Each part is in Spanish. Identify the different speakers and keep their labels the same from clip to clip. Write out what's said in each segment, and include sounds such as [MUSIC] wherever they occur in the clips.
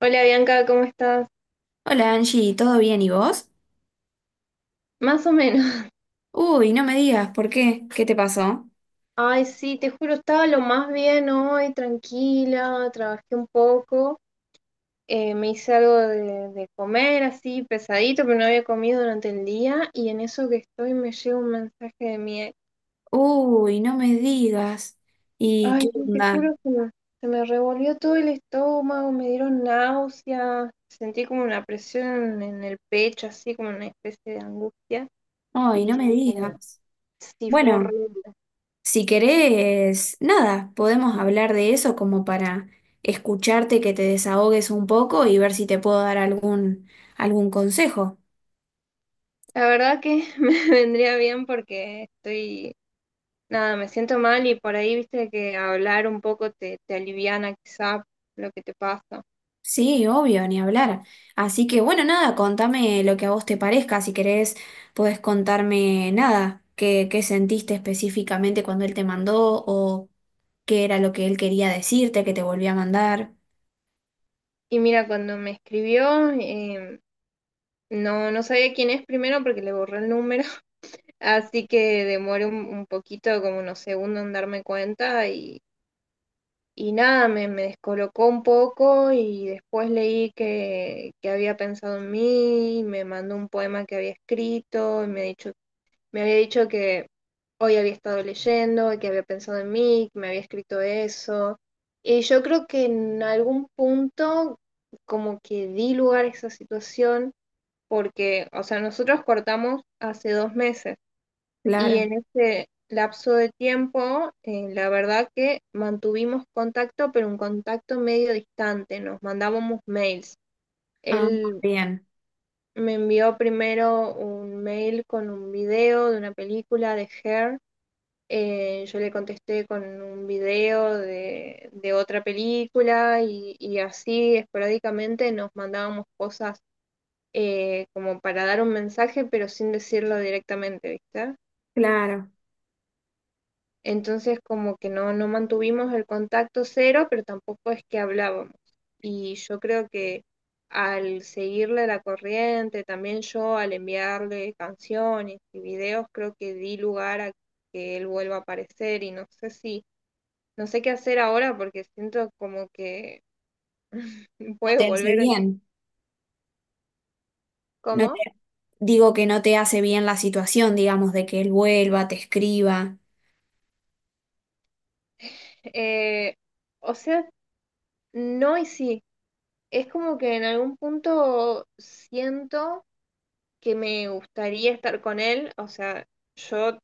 Speaker 1: Hola Bianca, ¿cómo estás?
Speaker 2: Hola Angie, ¿todo bien y vos?
Speaker 1: Más o menos. [LAUGHS]
Speaker 2: Uy, no me digas, ¿por qué? ¿Qué te pasó?
Speaker 1: Ay, sí, te juro, estaba lo más bien hoy, tranquila, trabajé un poco, me hice algo de comer así, pesadito, pero no había comido durante el día y en eso que estoy me llega un mensaje de mi ex.
Speaker 2: Uy, no me digas. ¿Y
Speaker 1: Ay,
Speaker 2: qué
Speaker 1: sí, te
Speaker 2: onda?
Speaker 1: juro que se me revolvió todo el estómago, me dieron náuseas, sentí como una presión en el pecho, así como una especie de angustia y
Speaker 2: Ay, no me
Speaker 1: dije como,
Speaker 2: digas.
Speaker 1: sí, fue
Speaker 2: Bueno,
Speaker 1: horrible.
Speaker 2: si querés, nada, podemos hablar de eso como para escucharte, que te desahogues un poco y ver si te puedo dar algún consejo.
Speaker 1: La verdad que [LAUGHS] me vendría bien porque estoy, nada, me siento mal y por ahí viste que hablar un poco te aliviana quizá lo que te pasa.
Speaker 2: Sí, obvio, ni hablar. Así que bueno, nada, contame lo que a vos te parezca. Si querés, podés contarme nada, qué sentiste específicamente cuando él te mandó o qué era lo que él quería decirte, que te volvió a mandar.
Speaker 1: Y mira, cuando me escribió, no sabía quién es primero porque le borré el número, [LAUGHS] así que demoré un poquito, como unos segundos en darme cuenta y nada, me descolocó un poco y después leí que había pensado en mí, y me mandó un poema que había escrito, y me, ha dicho, me había dicho que hoy había estado leyendo, que había pensado en mí, que me había escrito eso. Y yo creo que en algún punto como que di lugar a esa situación porque, o sea, nosotros cortamos hace dos meses. Y
Speaker 2: Claro.
Speaker 1: en ese lapso de tiempo, la verdad que mantuvimos contacto, pero un contacto medio distante, nos mandábamos mails.
Speaker 2: Ah,
Speaker 1: Él
Speaker 2: bien,
Speaker 1: me envió primero un mail con un video de una película de Her. Yo le contesté con un video de otra película y así esporádicamente nos mandábamos cosas como para dar un mensaje, pero sin decirlo directamente, ¿viste?
Speaker 2: claro.
Speaker 1: Entonces como que no mantuvimos el contacto cero, pero tampoco es que hablábamos. Y yo creo que al seguirle la corriente, también yo al enviarle canciones y videos, creo que di lugar a que él vuelva a aparecer y no sé no sé qué hacer ahora porque siento como que [LAUGHS]
Speaker 2: No
Speaker 1: puede
Speaker 2: te hace
Speaker 1: volver a...
Speaker 2: bien. No te...
Speaker 1: ¿Cómo?
Speaker 2: Digo que no te hace bien la situación, digamos, de que él vuelva, te escriba.
Speaker 1: Eh, o sea, no y sí. Es como que en algún punto siento que me gustaría estar con él. O sea, yo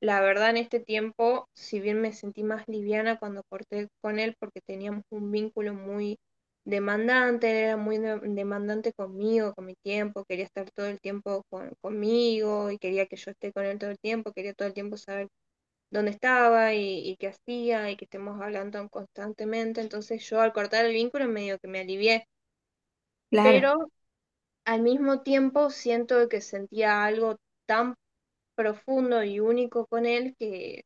Speaker 1: la verdad en este tiempo, si bien me sentí más liviana cuando corté con él porque teníamos un vínculo muy demandante, él era muy demandante conmigo, con mi tiempo, quería estar todo el tiempo conmigo y quería que yo esté con él todo el tiempo, quería todo el tiempo saber dónde estaba y qué hacía y que estemos hablando constantemente. Entonces yo al cortar el vínculo medio que me alivié,
Speaker 2: Claro,
Speaker 1: pero al mismo tiempo, siento que sentía algo tan profundo y único con él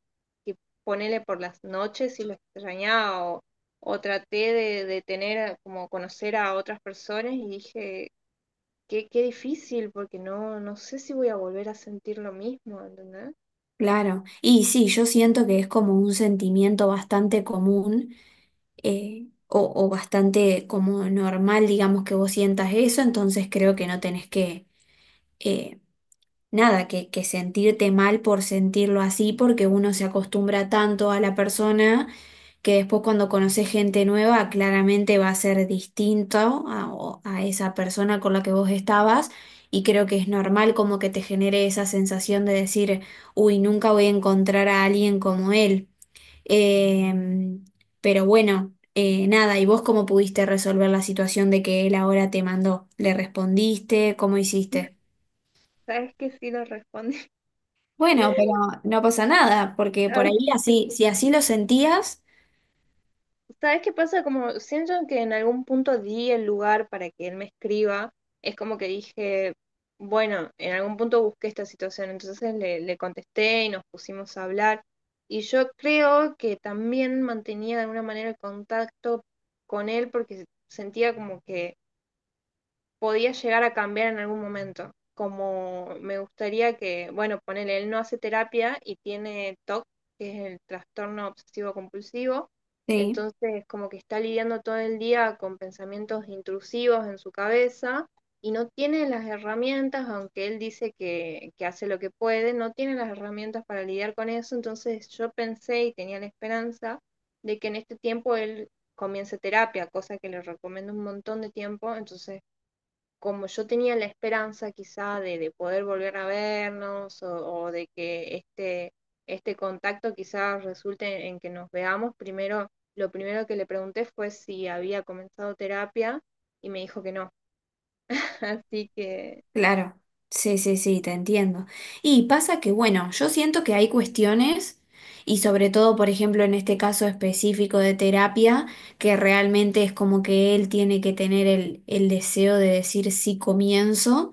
Speaker 1: que ponele por las noches y lo extrañaba o traté de tener, como conocer a otras personas y dije, qué, qué difícil porque no, no sé si voy a volver a sentir lo mismo, ¿entendés?
Speaker 2: claro. Y sí, yo siento que es como un sentimiento bastante común, o bastante como normal, digamos, que vos sientas eso, entonces creo que no tenés que, eh, nada, que sentirte mal por sentirlo así, porque uno se acostumbra tanto a la persona que después cuando conoces gente nueva, claramente va a ser distinto a, o- a esa persona con la que vos estabas. Y creo que es normal como que te genere esa sensación de decir, uy, nunca voy a encontrar a alguien como él. Em, pero bueno, nada, ¿y vos cómo pudiste resolver la situación de que él ahora te mandó? ¿Le respondiste? ¿Cómo hiciste?
Speaker 1: ¿Sabes que sí lo respondí?
Speaker 2: Bueno, pero no pasa nada, porque por ahí así,
Speaker 1: [LAUGHS] Ok.
Speaker 2: si así lo sentías,
Speaker 1: ¿Sabes qué pasa? Como siento que en algún punto di el lugar para que él me escriba. Es como que dije, bueno, en algún punto busqué esta situación. Entonces le contesté y nos pusimos a hablar. Y yo creo que también mantenía de alguna manera el contacto con él porque sentía como que podía llegar a cambiar en algún momento. Como me gustaría que, bueno, ponele, él no hace terapia y tiene TOC, que es el trastorno obsesivo compulsivo,
Speaker 2: sí,
Speaker 1: entonces como que está lidiando todo el día con pensamientos intrusivos en su cabeza y no tiene las herramientas, aunque él dice que hace lo que puede, no tiene las herramientas para lidiar con eso, entonces yo pensé y tenía la esperanza de que en este tiempo él comience terapia, cosa que le recomiendo un montón de tiempo, entonces como yo tenía la esperanza quizá de poder volver a vernos o de que este contacto quizás resulte en que nos veamos, primero, lo primero que le pregunté fue si había comenzado terapia y me dijo que no. [LAUGHS] Así que
Speaker 2: claro, sí, sí, sí, te entiendo. Y pasa que, bueno, yo siento que hay cuestiones, y sobre todo, por ejemplo, en este caso específico de terapia, que realmente es como que él tiene que tener el deseo de decir sí comienzo.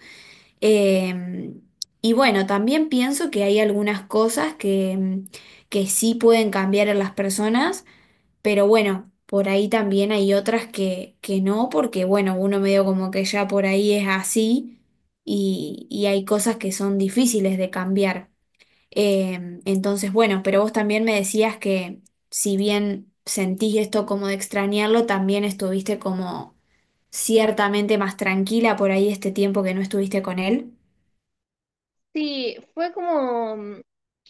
Speaker 2: Eh, y bueno, también pienso que hay algunas cosas que que sí pueden cambiar en las personas, pero bueno, por ahí también hay otras que no, porque bueno, uno medio como que ya por ahí es así y hay cosas que son difíciles de cambiar. Entonces, bueno, pero vos también me decías que si bien sentís esto como de extrañarlo, también estuviste como ciertamente más tranquila por ahí este tiempo que no estuviste con él.
Speaker 1: sí, fue como, mm,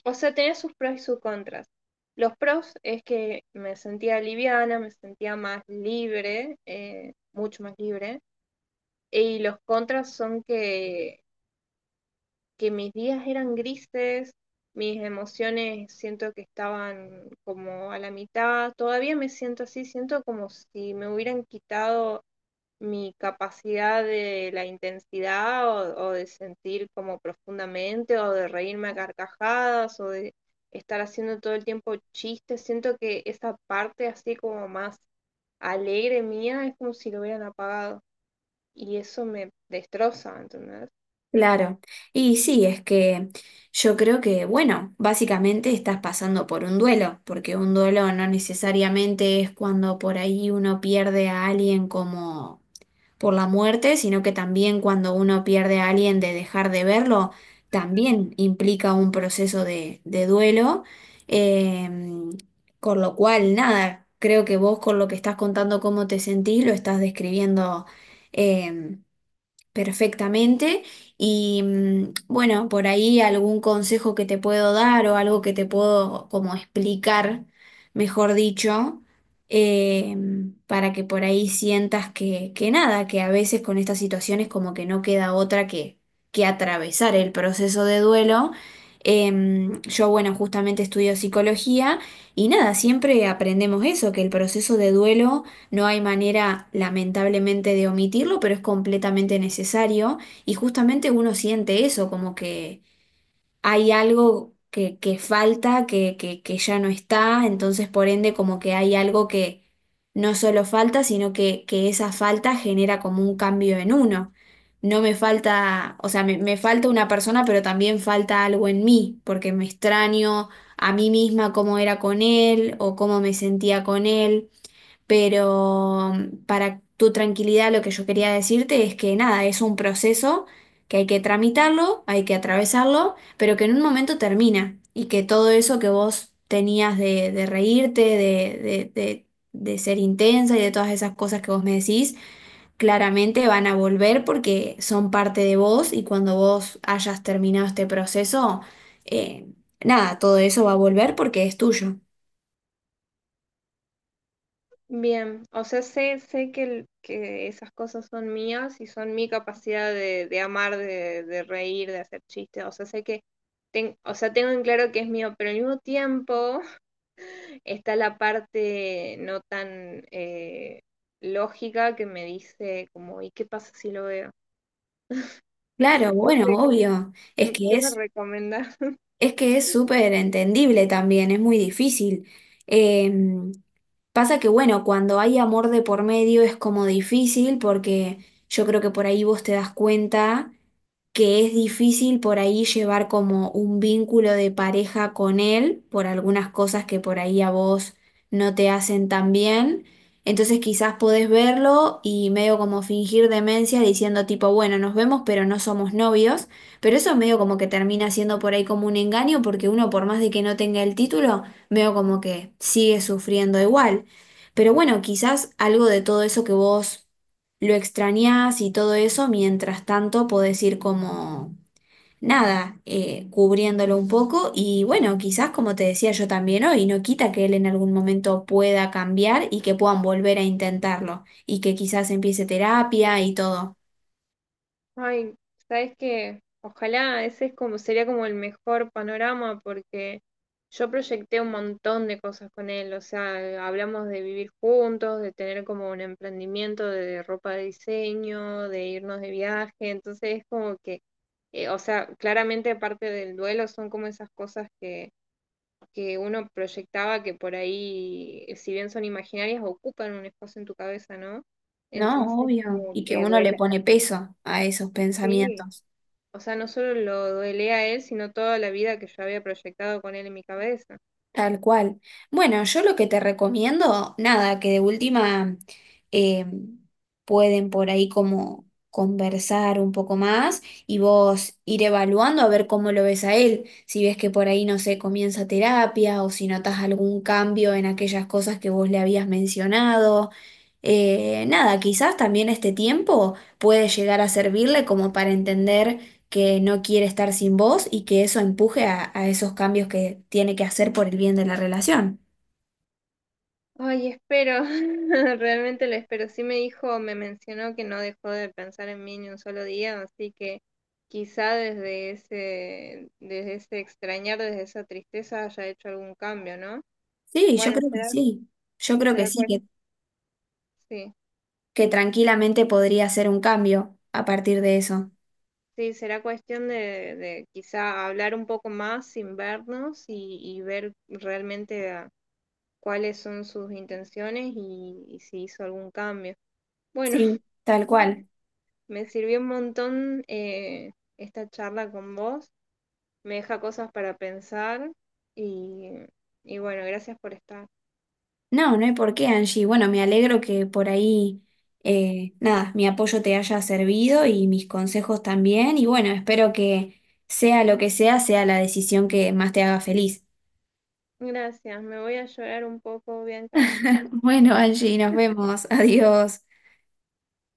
Speaker 1: o sea, tenía sus pros y sus contras. Los pros es que me sentía liviana, me sentía más libre, mucho más libre. Y los contras son que mis días eran grises, mis emociones siento que estaban como a la mitad, todavía me siento así, siento como si me hubieran quitado mi capacidad de la intensidad o de sentir como profundamente o de reírme a carcajadas o de estar haciendo todo el tiempo chistes, siento que esa parte así como más alegre mía es como si lo hubieran apagado y eso me destroza, ¿entendés?
Speaker 2: Claro, y sí, es que yo creo que, bueno, básicamente estás pasando por un duelo, porque un duelo no necesariamente es cuando por ahí uno pierde a alguien como por la muerte, sino que también cuando uno pierde a alguien de dejar de verlo, también implica un proceso de duelo, em, con lo cual, nada, creo que vos con lo que estás contando cómo te sentís, lo estás describiendo em, perfectamente. Y bueno, por ahí algún consejo que te puedo dar o algo que te puedo como explicar, mejor dicho, eh, para que por ahí sientas que nada, que a veces con estas situaciones como que no queda otra que atravesar el proceso de duelo. Yo, bueno, justamente estudio psicología y nada, siempre aprendemos eso, que el proceso de duelo no hay manera, lamentablemente, de omitirlo, pero es completamente necesario. Y justamente uno siente eso, como que hay algo que falta, que ya no está. Entonces, por ende, como que hay algo que no solo falta, sino que esa falta genera como un cambio en uno. No me falta, o sea, me falta una persona, pero también falta algo en mí, porque me extraño a mí misma cómo era con él o cómo me sentía con él. Pero para tu tranquilidad, lo que yo quería decirte es que nada, es un proceso que hay que tramitarlo, hay que atravesarlo, pero que en un momento termina y que todo eso que vos tenías de reírte, de ser intensa y de todas esas cosas que vos me decís, claramente van a volver porque son parte de vos y cuando vos hayas terminado este proceso, eh, nada, todo eso va a volver porque es tuyo.
Speaker 1: Bien, o sea, sé que, que esas cosas son mías y son mi capacidad de amar, de reír, de hacer chistes, o sea, sé que, o sea, tengo en claro que es mío, pero al mismo tiempo [LAUGHS] está la parte no tan lógica que me dice como, ¿y qué pasa si lo veo?
Speaker 2: Claro,
Speaker 1: No
Speaker 2: bueno,
Speaker 1: sé,
Speaker 2: obvio, es
Speaker 1: ¿qué,
Speaker 2: que
Speaker 1: qué me
Speaker 2: es...
Speaker 1: recomiendas?
Speaker 2: Es que es súper entendible también, es muy difícil. Em, Pasa que, bueno, cuando hay amor de por medio es como difícil porque yo creo que por ahí vos te das cuenta que es difícil por ahí llevar como un vínculo de pareja con él por algunas cosas que por ahí a vos no te hacen tan bien. Entonces quizás podés verlo y medio como fingir demencia diciendo tipo, bueno, nos vemos pero no somos novios. Pero eso medio como que termina siendo por ahí como un engaño, porque uno por más de que no tenga el título, veo como que sigue sufriendo igual. Pero bueno, quizás algo de todo eso que vos lo extrañás y todo eso, mientras tanto podés ir como nada, cubriéndolo un poco. Y bueno, quizás como te decía yo también hoy, no quita que él en algún momento pueda cambiar y que puedan volver a intentarlo y que quizás empiece terapia y todo.
Speaker 1: Ay, sabes que ojalá ese es como sería como el mejor panorama porque yo proyecté un montón de cosas con él, o sea, hablamos de vivir juntos, de tener como un emprendimiento de ropa de diseño, de irnos de viaje, entonces es como que, o sea, claramente parte del duelo son como esas cosas que uno proyectaba que por ahí, si bien son imaginarias, ocupan un espacio en tu cabeza, ¿no?
Speaker 2: No,
Speaker 1: Entonces
Speaker 2: obvio.
Speaker 1: como
Speaker 2: Y que
Speaker 1: que
Speaker 2: uno le
Speaker 1: duele,
Speaker 2: pone peso a esos
Speaker 1: sí.
Speaker 2: pensamientos.
Speaker 1: O sea, no solo lo duele a él, sino toda la vida que yo había proyectado con él en mi cabeza.
Speaker 2: Tal cual. Bueno, yo lo que te recomiendo, nada, que de última eh, pueden por ahí como conversar un poco más y vos ir evaluando a ver cómo lo ves a él. Si ves que por ahí, no sé, comienza terapia o si notas algún cambio en aquellas cosas que vos le habías mencionado. Nada, quizás también este tiempo puede llegar a servirle como para entender que no quiere estar sin vos y que eso empuje a esos cambios que tiene que hacer por el bien de la relación.
Speaker 1: Ay, espero, [LAUGHS] realmente lo espero. Sí me dijo, me mencionó que no dejó de pensar en mí ni un solo día, así que quizá desde ese extrañar, desde esa tristeza haya hecho algún cambio, ¿no?
Speaker 2: Sí, yo
Speaker 1: Bueno,
Speaker 2: creo que
Speaker 1: será,
Speaker 2: sí. Yo creo que
Speaker 1: será
Speaker 2: sí,
Speaker 1: cuestión, sí,
Speaker 2: que tranquilamente podría hacer un cambio a partir de eso.
Speaker 1: sí, será cuestión de quizá hablar un poco más sin vernos y ver realmente cuáles son sus intenciones y si hizo algún cambio. Bueno,
Speaker 2: Sí, tal
Speaker 1: [LAUGHS]
Speaker 2: cual.
Speaker 1: me sirvió un montón esta charla con vos, me deja cosas para pensar y, y bueno, gracias por estar.
Speaker 2: No, no hay por qué, Angie. Bueno, me alegro que por ahí, nada, mi apoyo te haya servido y mis consejos también. Y bueno, espero que sea lo que sea, sea la decisión que más te haga feliz.
Speaker 1: Gracias, me voy a llorar un poco, Bianca. Chao.
Speaker 2: [LAUGHS] Bueno, Angie, nos vemos. Adiós.